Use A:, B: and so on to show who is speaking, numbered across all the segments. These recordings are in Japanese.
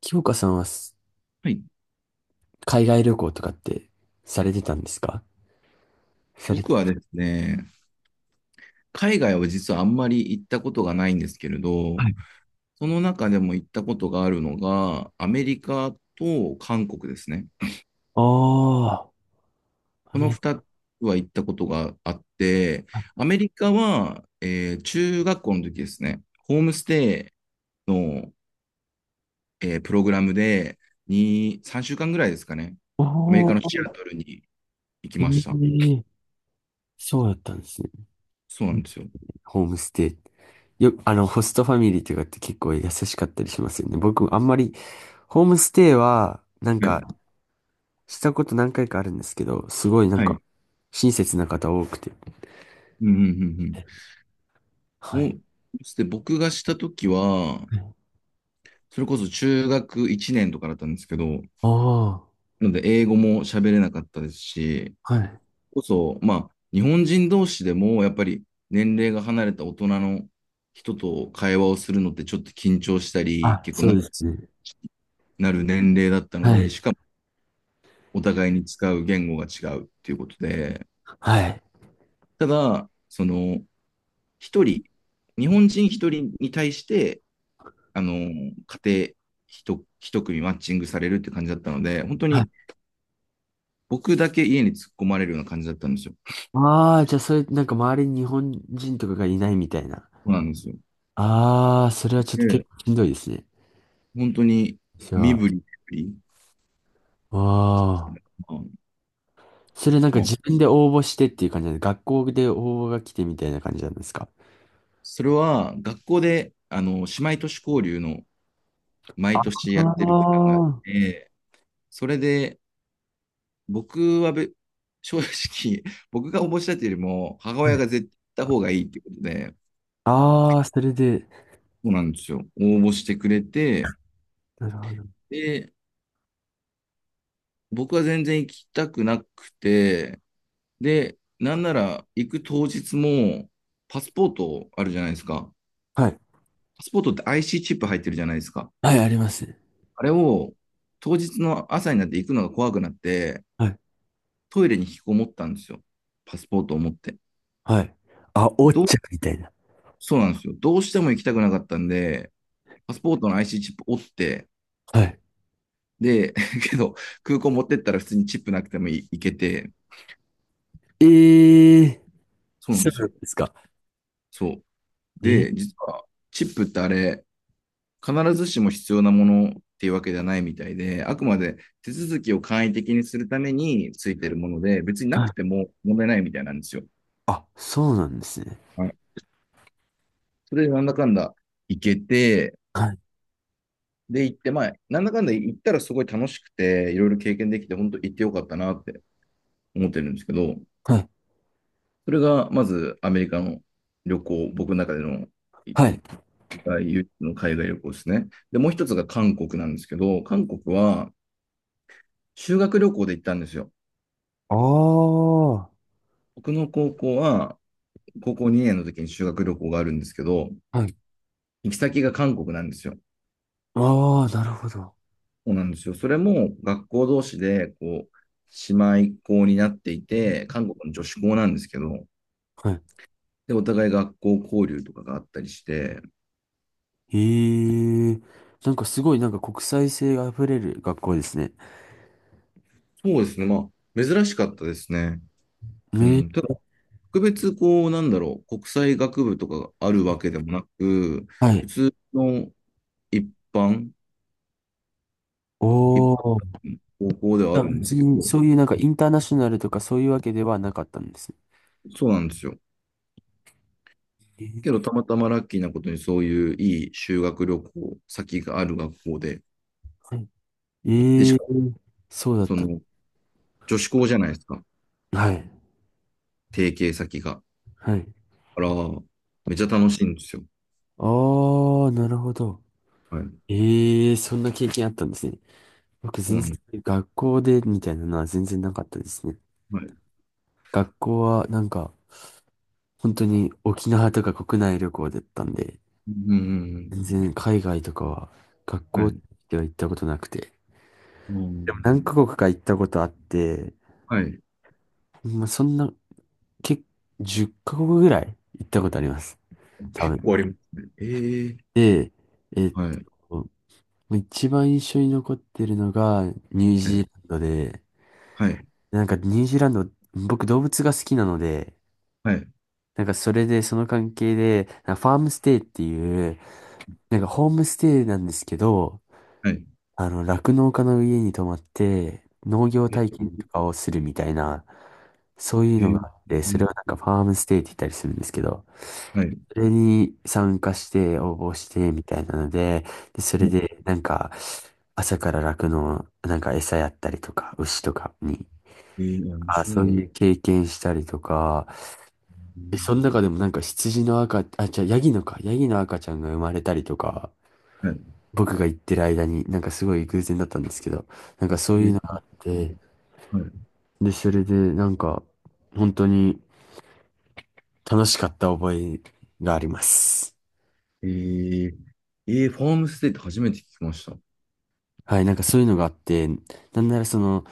A: 清香さんはす
B: はい。
A: 海外旅行とかってされてたんですか？され
B: 僕
A: て。
B: はですね、海外は実はあんまり行ったことがないんですけれど、
A: はい。
B: その中でも行ったことがあるのが、アメリカと韓国ですね。
A: ああ、
B: この2つは行ったことがあって、アメリカは、中学校の時ですね、ホームステイの、プログラムで2、3週間ぐらいですかね、アメリ
A: お
B: カのシ
A: ー、
B: アトルに行き
A: え
B: ました。
A: え、そうだったんですね。
B: そうなんですよ。
A: ホームステイ。あの、ホストファミリーとかって結構優しかったりしますよね。僕、あんまり、ホームステイは、なん
B: はい。
A: か、したこと何回かあるんですけど、すごいなん
B: は
A: か、
B: い。
A: 親切な方多くて。
B: うんうんうんうん。お
A: はい。
B: で僕がしたときは、それこそ中学1年とかだったんですけど、
A: ああー、
B: なので英語も喋れなかったですし、
A: はい。
B: まあ、日本人同士でも、やっぱり年齢が離れた大人の人と会話をするのってちょっと緊張したり、
A: あ、
B: 結構
A: そう
B: 長
A: で
B: く
A: すね。
B: なる年齢だったの
A: は
B: で、
A: い。
B: しかもお互いに使う言語が違うっていうことで、
A: はい。
B: ただ、一人、日本人一人に対して、家庭一組マッチングされるって感じだったので、本当に僕だけ家に突っ込まれるような感じだったんですよ。
A: ああ、じゃあそれ、なんか周りに日本人とかがいないみたいな。
B: そうなんですよ。
A: ああ、それはちょっと結
B: で、
A: 構しんどいですね。
B: 本当に
A: じゃ
B: 身
A: あ、
B: 振り手振り。
A: ああ。
B: まあ
A: それなんか自分で応募してっていう感じなんで、学校で応募が来てみたいな感じなんですか？
B: それは学校で、姉妹都市交流の毎年
A: あ
B: やってるプランがあっ
A: あ。
B: て、それで僕は正直、僕が応募したっていうよりも、母親が絶対行った方がいいってことで、
A: ああ、それで、
B: そうなんですよ。応募してくれて、
A: なるほど。
B: で、僕は全然行きたくなくて、で、なんなら行く当日も、パスポートあるじゃないですか。
A: はい。
B: パスポートって IC チップ入ってるじゃないですか。
A: はい、あります。
B: あれを当日の朝になって行くのが怖くなって、
A: はい。
B: トイレに引きこもったんですよ。パスポートを持って。
A: はい。あ、おっ
B: どう、
A: ちゃんみたいな。
B: そうなんですよ。どうしても行きたくなかったんで、パスポートの IC チップ折って、
A: はい。
B: で、けど、空港持ってったら普通にチップなくても行けて、
A: ええー、
B: そうなん
A: そ
B: で
A: う
B: す
A: なん
B: よ。
A: ですか？
B: そう。
A: えー、
B: で、実は、チップってあれ、必ずしも必要なものっていうわけではないみたいで、あくまで手続きを簡易的にするためについてるもので、別にな
A: は
B: く
A: い。
B: ても問題ないみたいなんですよ。
A: あ、そうなんですね。
B: はい、それでなんだかんだ行けて、
A: はい。
B: で行って、まあ、なんだかんだ行ったらすごい楽しくて、いろいろ経験できて、本当行ってよかったなって思ってるんですけど、
A: はい。
B: それがまずアメリカの旅行、僕の中での
A: はい。
B: 唯一の海外旅行ですね。で、もう一つが韓国なんですけど、韓国は修学旅行で行ったんですよ。
A: ああ。は
B: 僕の高校は高校2年の時に修学旅行があるんですけど、
A: い。
B: 行き先が韓国なんですよ。
A: ああ、なるほど。
B: そうなんですよ。それも学校同士で、姉妹校になっていて、韓国の女子校なんですけど、
A: はい。
B: で、お互い学校交流とかがあったりして、
A: ええ、なんかすごいなんか国際性が溢れる学校ですね。
B: そうですね。まあ、珍しかったですね。う
A: ね。
B: ん。ただ、特別、なんだろう、国際学部とかがあるわけでもなく、
A: は
B: 普
A: い。
B: 通の一般、
A: お
B: 一般
A: お。
B: 高校ではあ
A: あ、
B: るんで
A: 別
B: すけ
A: に
B: ど、
A: そういうなんかインターナショナルとかそういうわけではなかったんですね。
B: そうなんですよ。
A: えー、
B: けど、たまたまラッキーなことにそういういい修学旅行先がある学校で、
A: はい、
B: で、
A: え
B: し
A: え、
B: かも、
A: そうだっ
B: そ
A: た。
B: の、女子校じゃないですか、
A: はい。
B: 提携先が。
A: はい。
B: あら、めっちゃ楽しいんですよ。
A: ああ、なるほど。
B: はい。
A: ええ、そんな経験あったんですね。僕
B: そう
A: 全
B: な
A: 然
B: の、
A: 学校でみたいなのは全然なかったですね。
B: はい。
A: 学校はなんか本当に沖縄とか国内旅行だったんで、
B: う
A: 全
B: ん。
A: 然海外とかは、学
B: は
A: 校
B: い。
A: では行ったことなくて。
B: う
A: でも
B: ん。
A: 何カ国か行ったことあって、
B: はい。
A: まあ、そんな、結10カ国ぐらい行ったことあります。多
B: 結
A: 分。
B: 構ありますね。ええ、
A: で、えっ
B: はい。
A: と、一番印象に残ってるのがニュー
B: は
A: ジー
B: い。
A: ランドで、
B: はい。
A: なんかニュージーランド、僕動物が好きなので、
B: はい。
A: なんかそれでその関係で、なんかファームステイっていう、なんかホームステイなんですけど、
B: はい、
A: あの、酪農家の家に泊まって、農業
B: え、
A: 体験とかをするみたいな、そういう
B: え、
A: のが
B: え、
A: あって、それ
B: え、
A: はなんかファームステイって言ったりするんですけど、
B: はい。
A: それに参加して応募してみたいなので、で、それ
B: もう、
A: でなんか朝から酪農、なんか餌やったりとか、牛とかに、
B: ええ、あ、面
A: あ、
B: 白
A: そ
B: い
A: う
B: の。
A: いう経験したりとか、
B: う
A: え、その
B: ん、
A: 中でもなんか羊の赤、あ、じゃあヤギの赤ちゃんが生まれたりとか、
B: はい。
A: 僕が行ってる間に、なんかすごい偶然だったんですけど、なんかそう
B: え
A: いう
B: え、
A: のがあって、
B: はい。
A: で、それでなんか、本当に楽しかった覚えがあります。
B: ええ、えー、ファームステイって初めて聞きました。は
A: はい、なんかそういうのがあって、なんならその、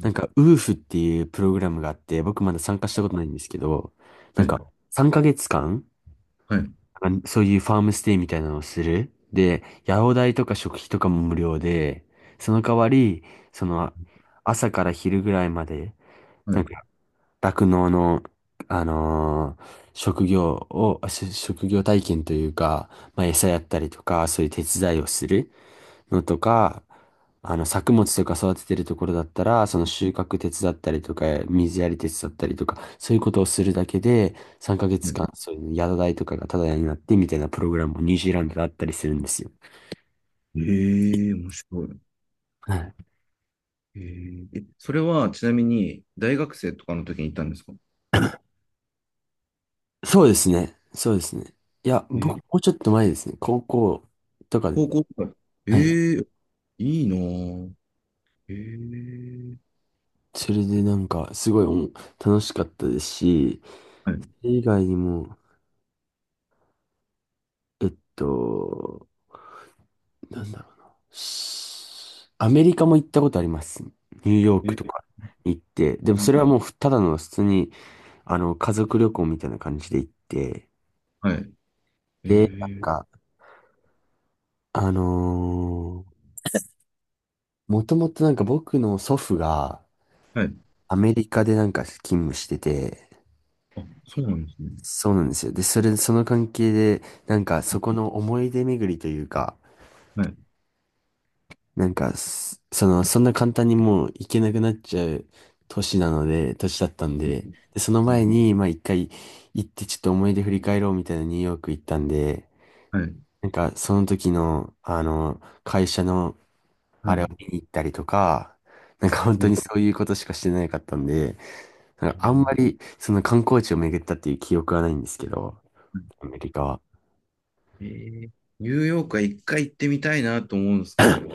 A: なんか、ウーフっていうプログラムがあって、僕まだ参加したことないんですけど、なんか、
B: い、
A: 3ヶ月間、
B: はい、
A: あ、そういうファームステイみたいなのをする。で、野郎代とか食費とかも無料で、その代わり、その、朝から昼ぐらいまで、
B: は
A: なん
B: い。
A: か酪農の、職業を、あし職業体験というか、まあ、餌やったりとか、そういう手伝いをするのとか、あの、作物とか育ててるところだったら、その収穫手伝ったりとか、水やり手伝ったりとか、そういうことをするだけで、3ヶ
B: は
A: 月
B: い、
A: 間、そういう宿代とかがタダになってみたいなプログラムもニュージーランドであったりするんですよ。
B: えー、面白い。
A: はい。
B: えー、え、それはちなみに大学生とかの時に行ったんですか？
A: そうですね。そうですね。いや、
B: え
A: 僕、
B: ー、
A: もうちょっと前ですね。高校とかで。
B: 高校とか。
A: はい。
B: ええー、いいなぁ。ええ、
A: それでなんか、すごい楽しかったですし、
B: はい。
A: それ以外にも、えっと、なんだろうな。アメリカも行ったことあります。ニューヨー
B: え
A: ク
B: ー、
A: とか行って。でもそれはもうふただの普通に、あの、家族旅行みたいな感じで行って。
B: はい。え
A: で、なん
B: ー、
A: か、あのーもともとなんか僕の祖父が
B: はい。
A: アメリカでなんか勤務してて、
B: あ、そうなんですね。
A: そうなんですよ。で、それ、その関係で、なんかそこの思い出巡りというか、
B: はい。
A: なんかす、その、そんな簡単にもう行けなくなっちゃう年なので、年だったん
B: う
A: で、
B: ん、
A: で、その前に、まあ一回行ってちょっと思い出振り返ろうみたいなニューヨーク行ったんで、
B: はい。
A: なんかその時の、あの、会社の
B: は
A: あれを
B: い。
A: 見に行ったりとか、なんか本
B: え
A: 当に
B: ー、
A: そういうことしかしてなかったんで、なん
B: う
A: かあんま
B: ん、
A: りその観光地を巡ったっていう記憶はないんですけど、アメリカは。
B: えー、ニューヨークは一回行ってみたいなと思うんですけど、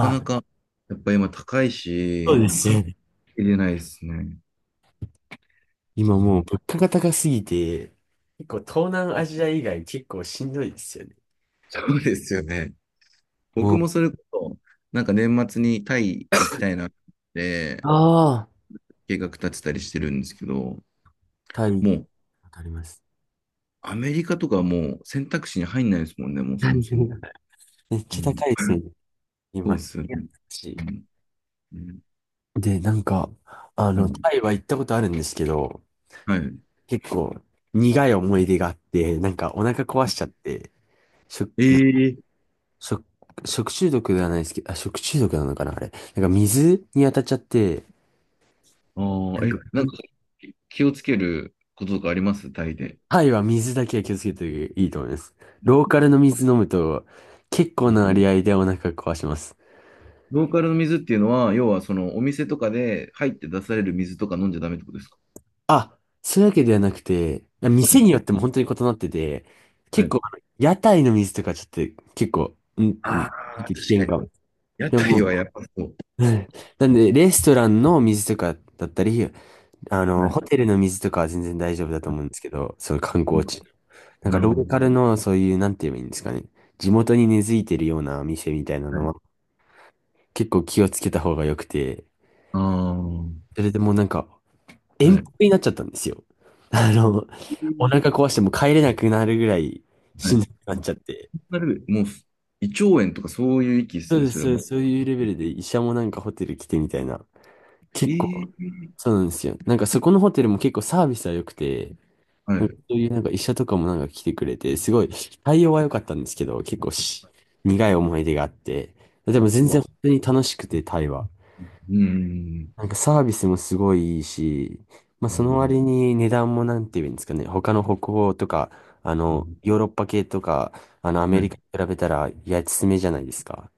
B: なかな
A: あ、
B: か、やっぱ今高い
A: そう
B: し、
A: で
B: な
A: す
B: か
A: よ
B: な
A: ね。
B: 入れないですね。う
A: 今もう
B: ん、
A: 物価が高すぎて、結構東南アジア以外結構しんどいですよね。
B: そうですよね。僕
A: もう、
B: もそれこそ、なんか年末にタイ行きたいなって
A: ああ、
B: 計画立てたりしてるんですけど、
A: タイ、
B: もう
A: わかります。
B: アメリカとかはもう選択肢に入んないですもんね、もう
A: は
B: そもそも。
A: い。めっ
B: う
A: ちゃ高
B: ん、
A: いですよ ね、
B: そ
A: 今。
B: う
A: い
B: ですよね。
A: やし
B: うん、うん、
A: で、なんか、あ
B: は
A: の、
B: い。
A: タイは行ったことあるんですけど、
B: はい。
A: 結構苦い思い出があって、なんかお腹壊しちゃって、食、
B: ええ、
A: 食、食中毒ではないですけど、あ、食中毒なのかな、あれ。なんか水に当たっちゃって、
B: あ、
A: な
B: あ、
A: んか
B: え、なんか気をつけることとかありますタイで？
A: タイは水だけは気をつけていいと思います。
B: う
A: ローカルの水飲むと結構な
B: ん、
A: 割合でお腹壊します。
B: ローカルの水っていうのは、要はそのお店とかで入って出される水とか飲んじゃダメってことですか？
A: あ、そういうわけではなくて、
B: は
A: 店
B: い、
A: によっても本当に異なってて、
B: は
A: 結構
B: い。
A: あの屋台の水とか、ちょっと結構、うん、うん、
B: あ
A: ちょっ
B: あ、
A: と危
B: 確か
A: 険か
B: に。
A: も。
B: 屋
A: でも、
B: 台はやっぱそう。
A: うん、なんでレストランの水とかだったり、あの、
B: はい。
A: ホテルの水とかは全然大丈夫だと思うん
B: あ、
A: ですけど、そういう観光地。なんか
B: なる
A: ロ
B: ほ
A: ー
B: ど。
A: カルのそういう、なんて言えばいいんですかね。地元に根付いてるような店みたいな
B: は
A: の
B: い。
A: は結構気をつけた方が良くて、
B: ああ、は
A: それでもうなんか、遠方
B: い。
A: になっちゃったんですよ。あの、お腹壊してもう帰れなくなるぐらい
B: は
A: しん
B: い。
A: どくなっちゃって。
B: なる、もう、胃腸炎とかそういう域で
A: そ
B: す
A: う
B: ね、
A: です、
B: それ
A: そうで
B: も。
A: す、そういうレベルで医者もなんかホテル来てみたいな。結
B: え
A: 構、
B: え、
A: そうなんですよ。なんかそこのホテルも結構サービスは良くて、
B: は
A: な
B: い。
A: んかそういうなんか医者とかもなんか来てくれて、すごい対応は良かったんですけど、結構苦い思い出があって、でも全
B: う
A: 然
B: わ。
A: 本当に楽しくて、タイは。
B: うん。
A: なんかサービスもすごいいいし、まあ
B: う
A: その
B: ん。
A: 割に値段もなんて言うんですかね、他の北欧とか、あ
B: う
A: の、
B: ん、
A: ヨーロッパ系とか、あの、アメリ
B: ね。
A: カに比べたら安めじゃないですか。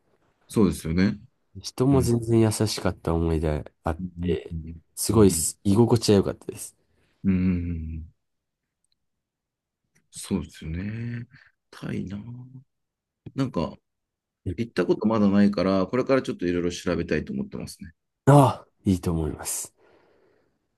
B: そうですよね。
A: 人
B: う
A: も
B: ん。
A: 全然優しかった思い出あっ
B: うん。
A: て、す
B: う
A: ごい
B: ん。
A: 居心地は良かったです。
B: うん。そうですよね。タイな。なんか、行ったことまだないから、これからちょっといろいろ調べたいと思ってますね。
A: ああ、いいと思います。